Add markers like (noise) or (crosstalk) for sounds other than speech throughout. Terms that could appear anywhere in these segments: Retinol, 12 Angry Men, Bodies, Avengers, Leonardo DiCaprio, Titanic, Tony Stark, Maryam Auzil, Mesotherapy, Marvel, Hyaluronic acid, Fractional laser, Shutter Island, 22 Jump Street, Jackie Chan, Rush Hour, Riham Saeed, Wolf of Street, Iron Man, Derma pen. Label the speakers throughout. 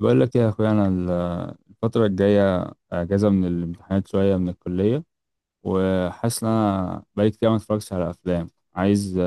Speaker 1: بقول لك إيه يا اخويا، الفتره الجايه اجازه من الامتحانات شويه من الكليه، وحاسس ان انا بقالي كتير ما اتفرجتش على افلام. عايز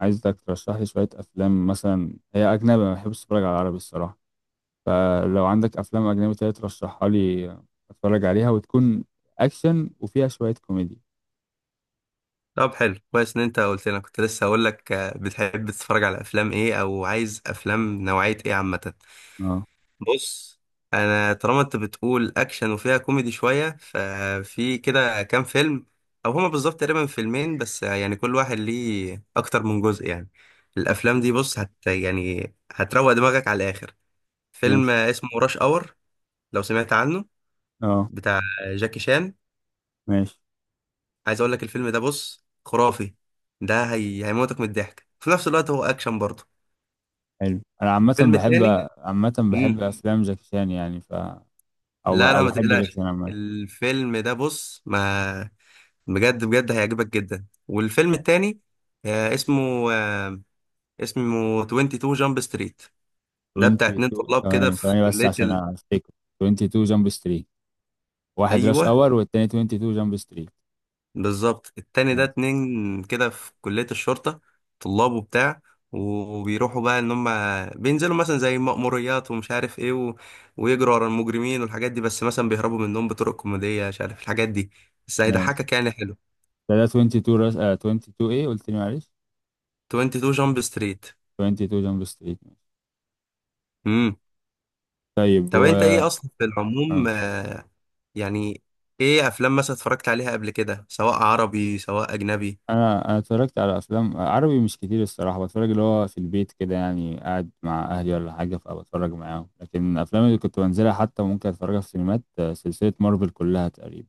Speaker 1: عايزك ترشح لي شويه افلام، مثلا هي اجنبي ما بحبش اتفرج على عربي الصراحه، فلو عندك افلام اجنبي تانية ترشحها لي اتفرج عليها، وتكون اكشن وفيها شويه كوميدي.
Speaker 2: طب حلو كويس ان انت قلت لنا كنت لسه هقول لك، بتحب تتفرج على افلام ايه او عايز افلام نوعية ايه عامة؟
Speaker 1: اه،
Speaker 2: بص، انا طالما انت بتقول اكشن وفيها كوميدي شوية، ففي كده كام فيلم او هما بالظبط تقريبا فيلمين بس، يعني كل واحد ليه اكتر من جزء يعني. الافلام دي بص يعني هتروق دماغك على الاخر. فيلم
Speaker 1: ماشي.
Speaker 2: اسمه راش اور، لو سمعت عنه،
Speaker 1: اه،
Speaker 2: بتاع جاكي شان.
Speaker 1: ماشي.
Speaker 2: عايز اقول لك الفيلم ده بص خرافي. ده هيموتك من الضحك، في نفس الوقت هو اكشن برضه.
Speaker 1: حلو. انا عامه
Speaker 2: الفيلم
Speaker 1: بحب
Speaker 2: التاني،
Speaker 1: عامه بحب
Speaker 2: امم
Speaker 1: افلام جاكي شان يعني ف، او
Speaker 2: لا لا
Speaker 1: او
Speaker 2: ما
Speaker 1: بحب جاكي
Speaker 2: تقلقش،
Speaker 1: شان عامه.
Speaker 2: الفيلم ده بص ما بجد بجد هيعجبك جدا. والفيلم التاني آه، اسمه آه، اسمه 22 جامب ستريت. ده بتاع اتنين
Speaker 1: 22
Speaker 2: طلاب كده
Speaker 1: ثواني،
Speaker 2: في
Speaker 1: ثواني بس
Speaker 2: كلية
Speaker 1: عشان
Speaker 2: ال...
Speaker 1: افتكر. 22 جامب ستريت. واحد راش
Speaker 2: ايوه
Speaker 1: اور والتاني 22 جامب ستريت.
Speaker 2: بالظبط، التاني ده
Speaker 1: ماشي،
Speaker 2: اتنين كده في كلية الشرطة، طلاب وبتاع، وبيروحوا بقى ان هم بينزلوا مثلا زي مأموريات ومش عارف ايه ويجروا ورا المجرمين والحاجات دي، بس مثلا بيهربوا منهم بطرق كوميدية مش عارف الحاجات دي، بس
Speaker 1: ماشي.
Speaker 2: هيضحكك يعني حلو.
Speaker 1: ده 22 راش، 22 ايه قلت لي؟ معلش.
Speaker 2: 22 جامب ستريت.
Speaker 1: 22 جامب ستريت.
Speaker 2: امم
Speaker 1: طيب
Speaker 2: طب
Speaker 1: و
Speaker 2: انت ايه اصلا في العموم،
Speaker 1: آه.
Speaker 2: يعني ايه افلام مثلا اتفرجت عليها قبل كده، سواء عربي سواء اجنبي؟
Speaker 1: انا اتفرجت على افلام عربي مش كتير الصراحه، بتفرج اللي هو في البيت كده يعني، قاعد مع اهلي ولا حاجه فبتفرج معاهم، لكن الافلام اللي كنت بنزلها حتى ممكن اتفرجها في سينمات، سلسله مارفل كلها تقريبا.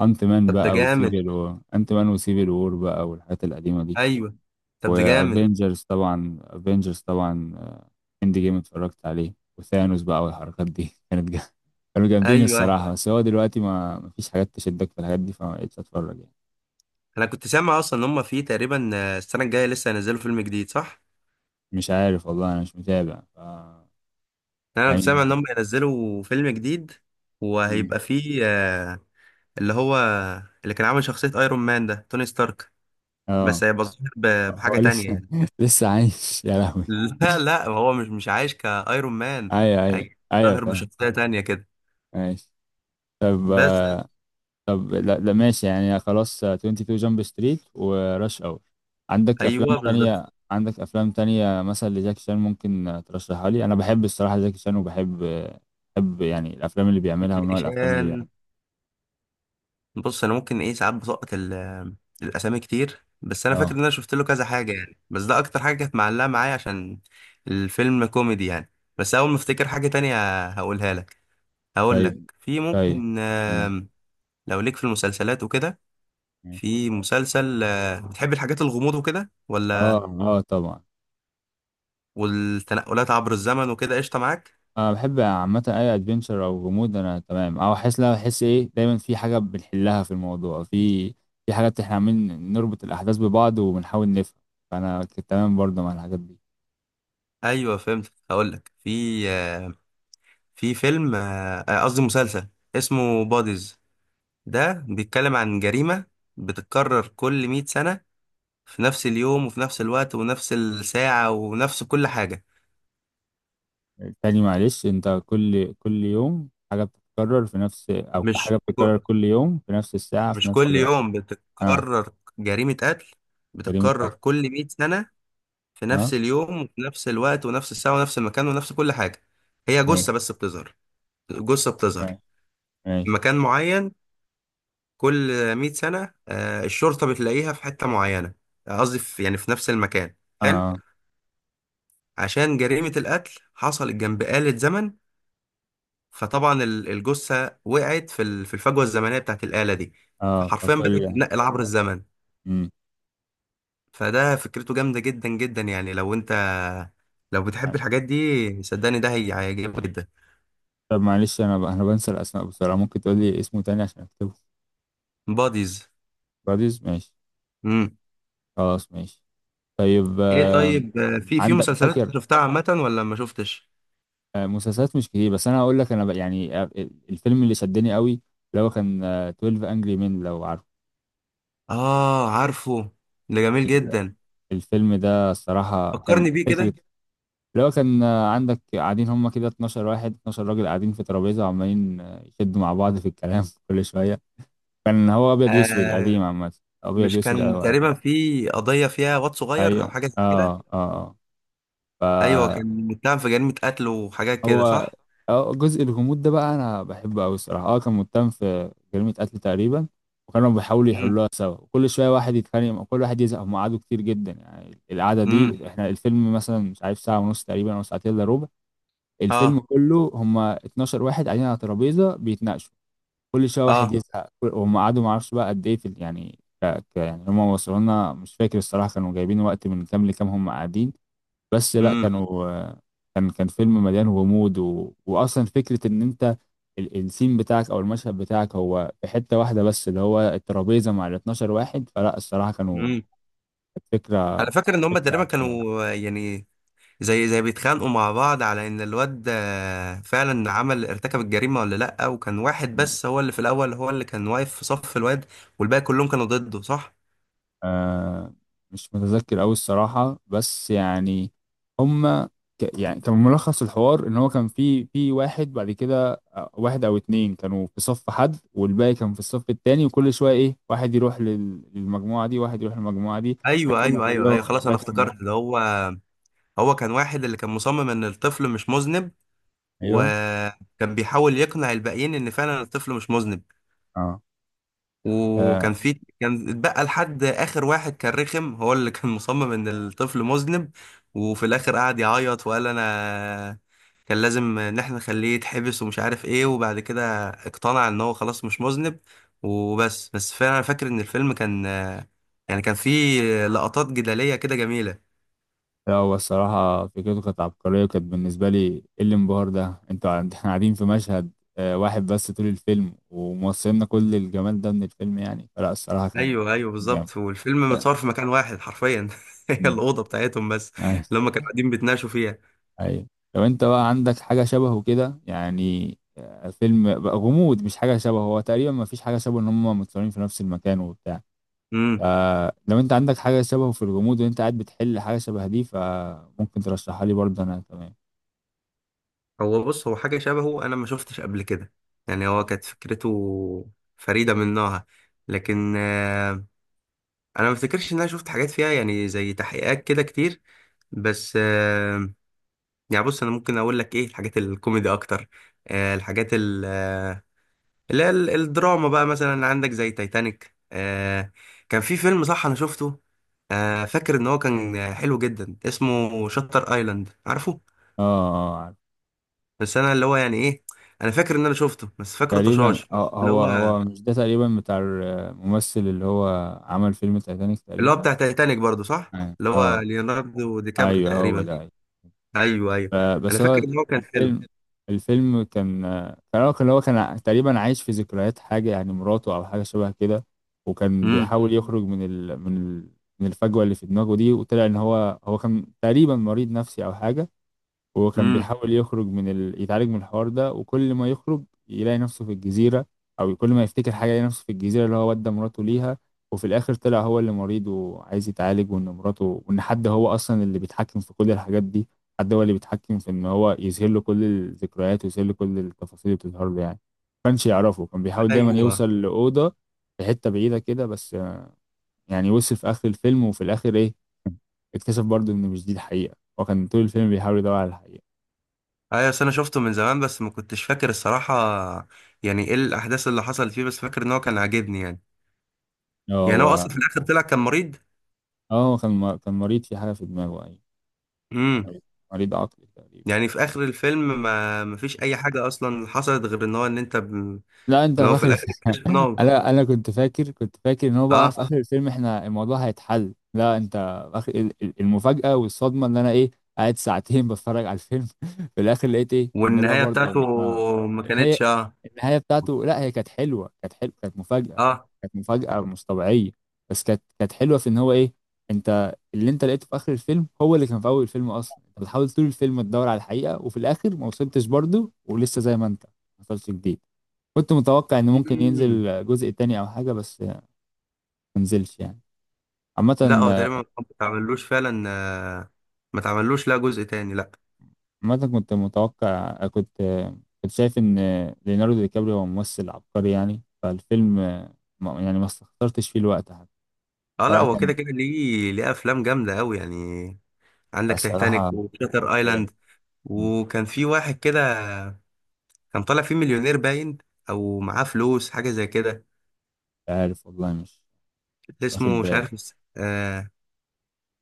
Speaker 2: طب ده جامد.
Speaker 1: انت مان وسيفل وور بقى والحاجات القديمه دي.
Speaker 2: ايوه. طب ده جامد.
Speaker 1: وافنجرز طبعا، افنجرز طبعا اند جيم اتفرجت عليه، وثانوس بقى والحركات دي (laughs) كانوا جامدين
Speaker 2: ايوه. أيوه.
Speaker 1: الصراحة، بس هو دلوقتي ما مفيش حاجات تشدك في الحاجات دي فما بقتش اتفرج يعني.
Speaker 2: انا كنت سامع اصلا ان هم في تقريبا، السنه الجايه لسه هينزلوا فيلم جديد، صح؟
Speaker 1: مش عارف والله انا مش متابع
Speaker 2: يعني انا كنت سامع
Speaker 1: يعني.
Speaker 2: ان هم هينزلوا فيلم جديد،
Speaker 1: مم.
Speaker 2: وهيبقى فيه، اللي هو اللي كان عامل شخصيه ايرون مان ده، توني ستارك،
Speaker 1: اه.
Speaker 2: بس هيبقى ظاهر
Speaker 1: هو
Speaker 2: بحاجه تانية
Speaker 1: لسه
Speaker 2: يعني.
Speaker 1: (laughs) لسه عايش يا لهوي؟
Speaker 2: (laughs) لا لا هو مش عايش كايرون مان،
Speaker 1: ايوه، ايوه.
Speaker 2: هي-
Speaker 1: ايوه
Speaker 2: ظاهر
Speaker 1: فاهم.
Speaker 2: بشخصيه تانية كده
Speaker 1: ماشي. طب
Speaker 2: بس.
Speaker 1: طب لا، لا ماشي يعني خلاص. 22 جامب ستريت وراش اور.
Speaker 2: ايوه بالظبط.
Speaker 1: عندك افلام تانية مثلا لجاكي شان، ممكن ترشحها لي. انا بحب الصراحة جاكي شان، وبحب آه، بحب يعني الافلام اللي بيعملها
Speaker 2: جاكي
Speaker 1: ونوع الافلام اللي
Speaker 2: شان،
Speaker 1: بيعملها.
Speaker 2: بص انا ممكن ايه ساعات بسقط الاسامي كتير، بس انا فاكر
Speaker 1: اه،
Speaker 2: ان انا شفت له كذا حاجه يعني، بس ده اكتر حاجه كانت معلقه معايا عشان الفيلم كوميدي يعني. بس اول ما افتكر حاجه تانية هقولها لك. هقول لك
Speaker 1: طيب.
Speaker 2: في
Speaker 1: طيب
Speaker 2: ممكن،
Speaker 1: اه.
Speaker 2: لو ليك في المسلسلات وكده.
Speaker 1: ماشي.
Speaker 2: في مسلسل بتحب الحاجات الغموض وكده ولا،
Speaker 1: اه، طبعا.
Speaker 2: والتنقلات عبر الزمن وكده، قشطه معاك؟
Speaker 1: انا بحب عامة اي ادفنتشر او غموض، انا تمام. او احس لا احس ايه، دايما في حاجة بنحلها في الموضوع، في حاجات احنا عاملين نربط الاحداث ببعض وبنحاول نفهم. فانا كنت تمام برضه مع الحاجات دي.
Speaker 2: ايوه فهمت. هقول لك في في فيلم، قصدي مسلسل، اسمه بوديز. ده بيتكلم عن جريمة بتتكرر كل 100 سنة، في نفس اليوم وفي نفس الوقت ونفس الساعة ونفس كل حاجة.
Speaker 1: تاني معلش انت، كل يوم حاجة بتتكرر في نفس، او حاجة
Speaker 2: مش
Speaker 1: بتتكرر
Speaker 2: ك-
Speaker 1: كل يوم في نفس الساعة في
Speaker 2: مش
Speaker 1: نفس
Speaker 2: كل
Speaker 1: الوقت؟
Speaker 2: يوم
Speaker 1: اه.
Speaker 2: بتتكرر، جريمة قتل
Speaker 1: جريمة
Speaker 2: بتتكرر
Speaker 1: قتل.
Speaker 2: كل 100 سنة في
Speaker 1: اه،
Speaker 2: نفس اليوم وفي نفس الوقت ونفس الساعة ونفس المكان ونفس كل حاجة. هي
Speaker 1: ماشي.
Speaker 2: جثة بس بتظهر، جثة بتظهر
Speaker 1: ماشي،
Speaker 2: في
Speaker 1: ماشي.
Speaker 2: مكان معين كل 100 سنة، الشرطة بتلاقيها في حتة معينة، قصدي يعني في نفس المكان، حلو.
Speaker 1: اه،
Speaker 2: عشان جريمة القتل حصلت جنب آلة زمن، فطبعا الجثة وقعت في الفجوة الزمنية بتاعت الآلة دي،
Speaker 1: اه،
Speaker 2: فحرفيا بدأت تتنقل عبر الزمن.
Speaker 1: مم.
Speaker 2: فده فكرته جامدة جدا جدا، يعني لو بتحب الحاجات دي صدقني ده هيعجبك جدا.
Speaker 1: طب معلش انا بنسى الاسماء بسرعة، ممكن تقول لي اسمه تاني عشان اكتبه؟
Speaker 2: باديز.
Speaker 1: براديز ماشي.
Speaker 2: امم
Speaker 1: خلاص ماشي. طيب
Speaker 2: ايه طيب، في
Speaker 1: عندك
Speaker 2: مسلسلات
Speaker 1: فاكر.
Speaker 2: شفتها عامة ولا ما شفتش؟
Speaker 1: مسلسلات مش كتير، بس انا هقول لك، يعني الفيلم اللي شدني قوي اللي هو كان 12 انجري مين لو عارفه.
Speaker 2: اه عارفه، ده جميل جدا،
Speaker 1: الفيلم ده الصراحة كان
Speaker 2: فكرني بيه
Speaker 1: فكرة.
Speaker 2: كده.
Speaker 1: اللي هو كان عندك قاعدين هما كده 12 واحد، 12 راجل قاعدين في ترابيزة وعمالين يشدوا مع بعض في الكلام (laughs) كل شوية. كان هو أبيض وأسود، ايوه قديم
Speaker 2: آه
Speaker 1: عامة. أبيض
Speaker 2: مش
Speaker 1: وأسود، صح
Speaker 2: كان
Speaker 1: أوي قديم.
Speaker 2: تقريبا في قضية فيها واد صغير
Speaker 1: أيوة،
Speaker 2: او
Speaker 1: ايوه.
Speaker 2: حاجة زي كده؟
Speaker 1: آه، آه.
Speaker 2: ايوه
Speaker 1: ايوه.
Speaker 2: كان متهم في جريمه قتل وحاجات كده،
Speaker 1: فهو
Speaker 2: صح؟
Speaker 1: جزء الغموض ده بقى أنا بحبه أوي الصراحة. آه، كان متهم في جريمة قتل تقريبا، وكانوا بيحاولوا
Speaker 2: امم.
Speaker 1: يحلوها سوا، وكل شوية واحد يتخانق كل واحد يزهق، هم قعدوا كتير جدا يعني. القعدة
Speaker 2: امم.
Speaker 1: دي احنا الفيلم مثلا، مش عارف، ساعة ونص تقريبا أو ساعتين إلا ربع. الفيلم
Speaker 2: اه.
Speaker 1: كله هم 12 واحد قاعدين على ترابيزه بيتناقشوا، كل شويه واحد
Speaker 2: اه.
Speaker 1: يزهق وهم قعدوا. ما اعرفش بقى قد ايه يعني يعني هم وصلوا لنا، مش فاكر الصراحه كانوا جايبين وقت من كام لكام هم قاعدين. بس لا
Speaker 2: امم.
Speaker 1: كانوا كان فيلم مليان غموض، واصلا فكره ان انت السين بتاعك او المشهد بتاعك هو في حته واحده بس، اللي هو الترابيزه مع ال 12 واحد. فلا الصراحه كانوا،
Speaker 2: امم.
Speaker 1: كانت فكره
Speaker 2: انا فاكر ان هم
Speaker 1: فكره
Speaker 2: تقريبا
Speaker 1: أوي كمان.
Speaker 2: كانوا، يعني زي، بيتخانقوا مع بعض على ان الواد فعلا عمل ارتكب الجريمه ولا لا، وكان واحد بس هو اللي في الاول هو اللي كان واقف في صف الواد، والباقي كلهم كانوا ضده، صح؟
Speaker 1: آه، مش متذكر أوي الصراحة، بس يعني هما يعني كان ملخص الحوار إن هو كان في واحد، بعد كده واحد أو اتنين كانوا في صف حد والباقي كان في الصف التاني، وكل شوية واحد يروح للمجموعة دي، واحد يروح للمجموعة دي،
Speaker 2: ايوه
Speaker 1: لغاية ما
Speaker 2: ايوه ايوه ايوه
Speaker 1: كلهم،
Speaker 2: خلاص انا
Speaker 1: لغاية ما.
Speaker 2: افتكرت، ده هو. هو كان واحد اللي كان مصمم ان الطفل مش مذنب،
Speaker 1: أيوه.
Speaker 2: وكان بيحاول يقنع الباقيين ان فعلا الطفل مش مذنب،
Speaker 1: آه.
Speaker 2: وكان
Speaker 1: آه،
Speaker 2: في، كان اتبقى لحد اخر واحد كان رخم، هو اللي كان مصمم ان الطفل مذنب. وفي الاخر قعد يعيط وقال انا كان لازم ان احنا نخليه يتحبس ومش عارف ايه، وبعد كده اقتنع ان هو خلاص مش مذنب. وبس فعلا انا فاكر ان الفيلم كان، يعني كان فيه لقطات جدالية كده جميلة.
Speaker 1: لا هو الصراحة فكرته كانت عبقرية، وكانت بالنسبة لي ايه الانبهار ده. احنا قاعدين في مشهد واحد بس طول الفيلم، وموصلنا كل الجمال ده من الفيلم يعني. فلا الصراحة كان
Speaker 2: ايوه ايوه
Speaker 1: جامد.
Speaker 2: بالظبط، والفيلم متصور في مكان واحد حرفيا (laughs) هي
Speaker 1: مم.
Speaker 2: الاوضه بتاعتهم بس،
Speaker 1: عايز-
Speaker 2: اللي هم كانوا قاعدين بيتناقشوا فيها.
Speaker 1: أيوة. لو انت بقى عندك حاجة شبهه كده، يعني فيلم بقى غموض، مش حاجة شبهه هو، تقريبا ما فيش حاجة شبهه ان هم متصورين في نفس المكان وبتاع، فلو انت عندك حاجة شبهه في الغموض وانت قاعد بتحل حاجة شبه دي، فممكن ترشحها لي برضه، انا تمام.
Speaker 2: بص هو حاجة شبهه أنا ما شفتش قبل كده، يعني هو كانت فكرته فريدة من نوعها، لكن أنا ما افتكرش إن أنا شفت حاجات فيها يعني زي تحقيقات كده كتير، بس يعني بص أنا ممكن أقول لك إيه الحاجات الكوميدي أكتر. الحاجات الدراما بقى مثلا عندك زي تايتانيك. كان في فيلم صح أنا شفته، فاكر إن هو كان حلو جدا، اسمه شاتر آيلاند، عارفه؟
Speaker 1: اه، اه.
Speaker 2: بس انا اللي هو يعني ايه، انا فاكر ان انا شفته بس فاكره
Speaker 1: تقريبا
Speaker 2: طشاش. اللي
Speaker 1: هو
Speaker 2: هو،
Speaker 1: هو مش ده تقريبا بتاع الممثل اللي هو عمل فيلم تايتانيك تقريبا.
Speaker 2: بتاع تايتانيك برضو، صح؟
Speaker 1: اه،
Speaker 2: اللي هو ليوناردو دي كابريو
Speaker 1: ايوه هو
Speaker 2: تقريبا.
Speaker 1: ده، أيوة.
Speaker 2: ايوه ايوه. انا
Speaker 1: بس
Speaker 2: فاكر
Speaker 1: هو
Speaker 2: ان هو كان حلو.
Speaker 1: الفيلم الفيلم كان هو كان تقريبا عايش في ذكريات حاجة يعني مراته أو حاجة شبه كده. وكان
Speaker 2: امم.
Speaker 1: بيحاول يخرج من الفجوة اللي في دماغه دي، وطلع إن هو كان تقريبا مريض نفسي أو حاجة. وهو كان
Speaker 2: امم.
Speaker 1: بيحاول يخرج يتعالج من الحوار ده، وكل ما يخرج يلاقي نفسه في الجزيرة، أو كل ما يفتكر حاجة يلاقي نفسه في الجزيرة اللي هو ودى مراته ليها. وفي الآخر طلع هو اللي مريض وعايز يتعالج، وإن مراته وإن حد هو أصلا اللي بيتحكم في كل الحاجات دي، حد هو اللي بيتحكم في إن هو يظهر له كل الذكريات ويظهر له كل التفاصيل اللي بتظهر له، يعني ما كانش يعرفه، كان بيحاول دايما
Speaker 2: ايوه
Speaker 1: يوصل لأوضة في حتة بعيدة كده بس، يعني وصل في آخر الفيلم. وفي الآخر إيه، (laughs) اكتشف برضه إن مش دي الحقيقة. هو كان طول الفيلم بيحاول يدور على الحقيقة.
Speaker 2: ايوه. بس انا شفته من زمان بس ما كنتش فاكر الصراحه يعني ايه الاحداث اللي حصلت فيه، بس فاكر ان هو كان عاجبني يعني. يعني هو
Speaker 1: هو
Speaker 2: اصلا في الاخر طلع كان مريض.
Speaker 1: اه، كان كان مريض في حاجة في دماغه، أيوة.
Speaker 2: امم
Speaker 1: مريض مريض عقلي تقريبا.
Speaker 2: يعني في اخر الفيلم ما فيش اي حاجه اصلا حصلت غير ان انت
Speaker 1: لا انت
Speaker 2: ان هو في
Speaker 1: فاكر. (laughs)
Speaker 2: الاخر اكتشف ان هو
Speaker 1: انا كنت فاكر، ان هو بقى في
Speaker 2: اه
Speaker 1: اخر الفيلم احنا الموضوع هيتحل. لا انت، اخر المفاجأة والصدمة، ان انا ايه، قاعد ساعتين (laughs) بتفرج على الفيلم. (laughs) في الاخر لقيت ايه ان لا
Speaker 2: والنهايه بتاعته
Speaker 1: برضه.
Speaker 2: ما
Speaker 1: هي
Speaker 2: كانتش اه
Speaker 1: النهاية بتاعته، لا هي كانت حلوة، كانت مفاجأة.
Speaker 2: اه.
Speaker 1: كانت مفاجأة مش طبيعية. بس كانت حلوة في ان هو ايه، انت اللي انت لقيته في اخر الفيلم هو اللي كان في اول الفيلم اصلا. انت بتحاول طول الفيلم تدور على الحقيقة وفي الاخر ما وصلتش برضه، ولسه زي ما انت، ما حصلش جديد. كنت متوقع ان ممكن
Speaker 2: مم.
Speaker 1: ينزل جزء تاني او حاجه، بس ما نزلش يعني.
Speaker 2: لا هو
Speaker 1: عامه.
Speaker 2: تقريبا ما اتعملوش فعلا، ما اتعملوش لا جزء تاني لا.
Speaker 1: عامه كنت متوقع، كنت شايف ان ليوناردو دي كابريو هو ممثل عبقري يعني، فالفيلم يعني ما استخسرتش فيه الوقت حتى.
Speaker 2: اه لا
Speaker 1: فلا
Speaker 2: هو
Speaker 1: كان
Speaker 2: كده كده ليه افلام جامده قوي يعني. عندك تايتانيك
Speaker 1: الصراحه
Speaker 2: وشاتر ايلاند،
Speaker 1: جامد. مش
Speaker 2: وكان في واحد كده كان طالع فيه مليونير باين او معاه فلوس حاجه زي كده،
Speaker 1: عارف والله، مش واخد
Speaker 2: اسمه مش
Speaker 1: بالي.
Speaker 2: عارف.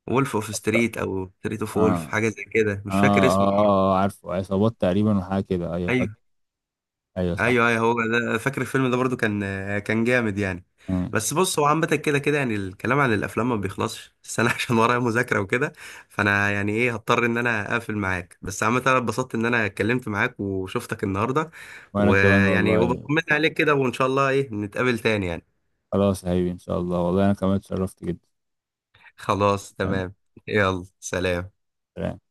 Speaker 2: وولف اوف
Speaker 1: أفكر-
Speaker 2: ستريت او ستريت اوف وولف،
Speaker 1: اه.
Speaker 2: حاجه زي كده مش فاكر
Speaker 1: اه،
Speaker 2: اسمه.
Speaker 1: اه، آه عارفه، عصابات تقريبا وحاجه كده، ايوه
Speaker 2: إيه.
Speaker 1: فاكر. ايوه صح.
Speaker 2: ايوه ايوه هو ده، فاكر الفيلم ده برضو كان جامد يعني.
Speaker 1: مم.
Speaker 2: بس بص هو عامة كده كده، يعني الكلام عن الافلام ما بيخلصش، بس انا (laughs) عشان ورايا مذاكرة وكده، فانا يعني ايه هضطر ان انا اقفل معاك، بس عامة انا اتبسطت ان انا اتكلمت معاك وشفتك النهاردة،
Speaker 1: وانا كمان
Speaker 2: ويعني
Speaker 1: والله.
Speaker 2: وبطمن عليك كده، وان شاء الله ايه نتقابل تاني يعني.
Speaker 1: خلاص يا حبيبي ان شاء الله، والله انا كمان اتشرفت جدا.
Speaker 2: خلاص تمام. يلا سلام.
Speaker 1: سلام.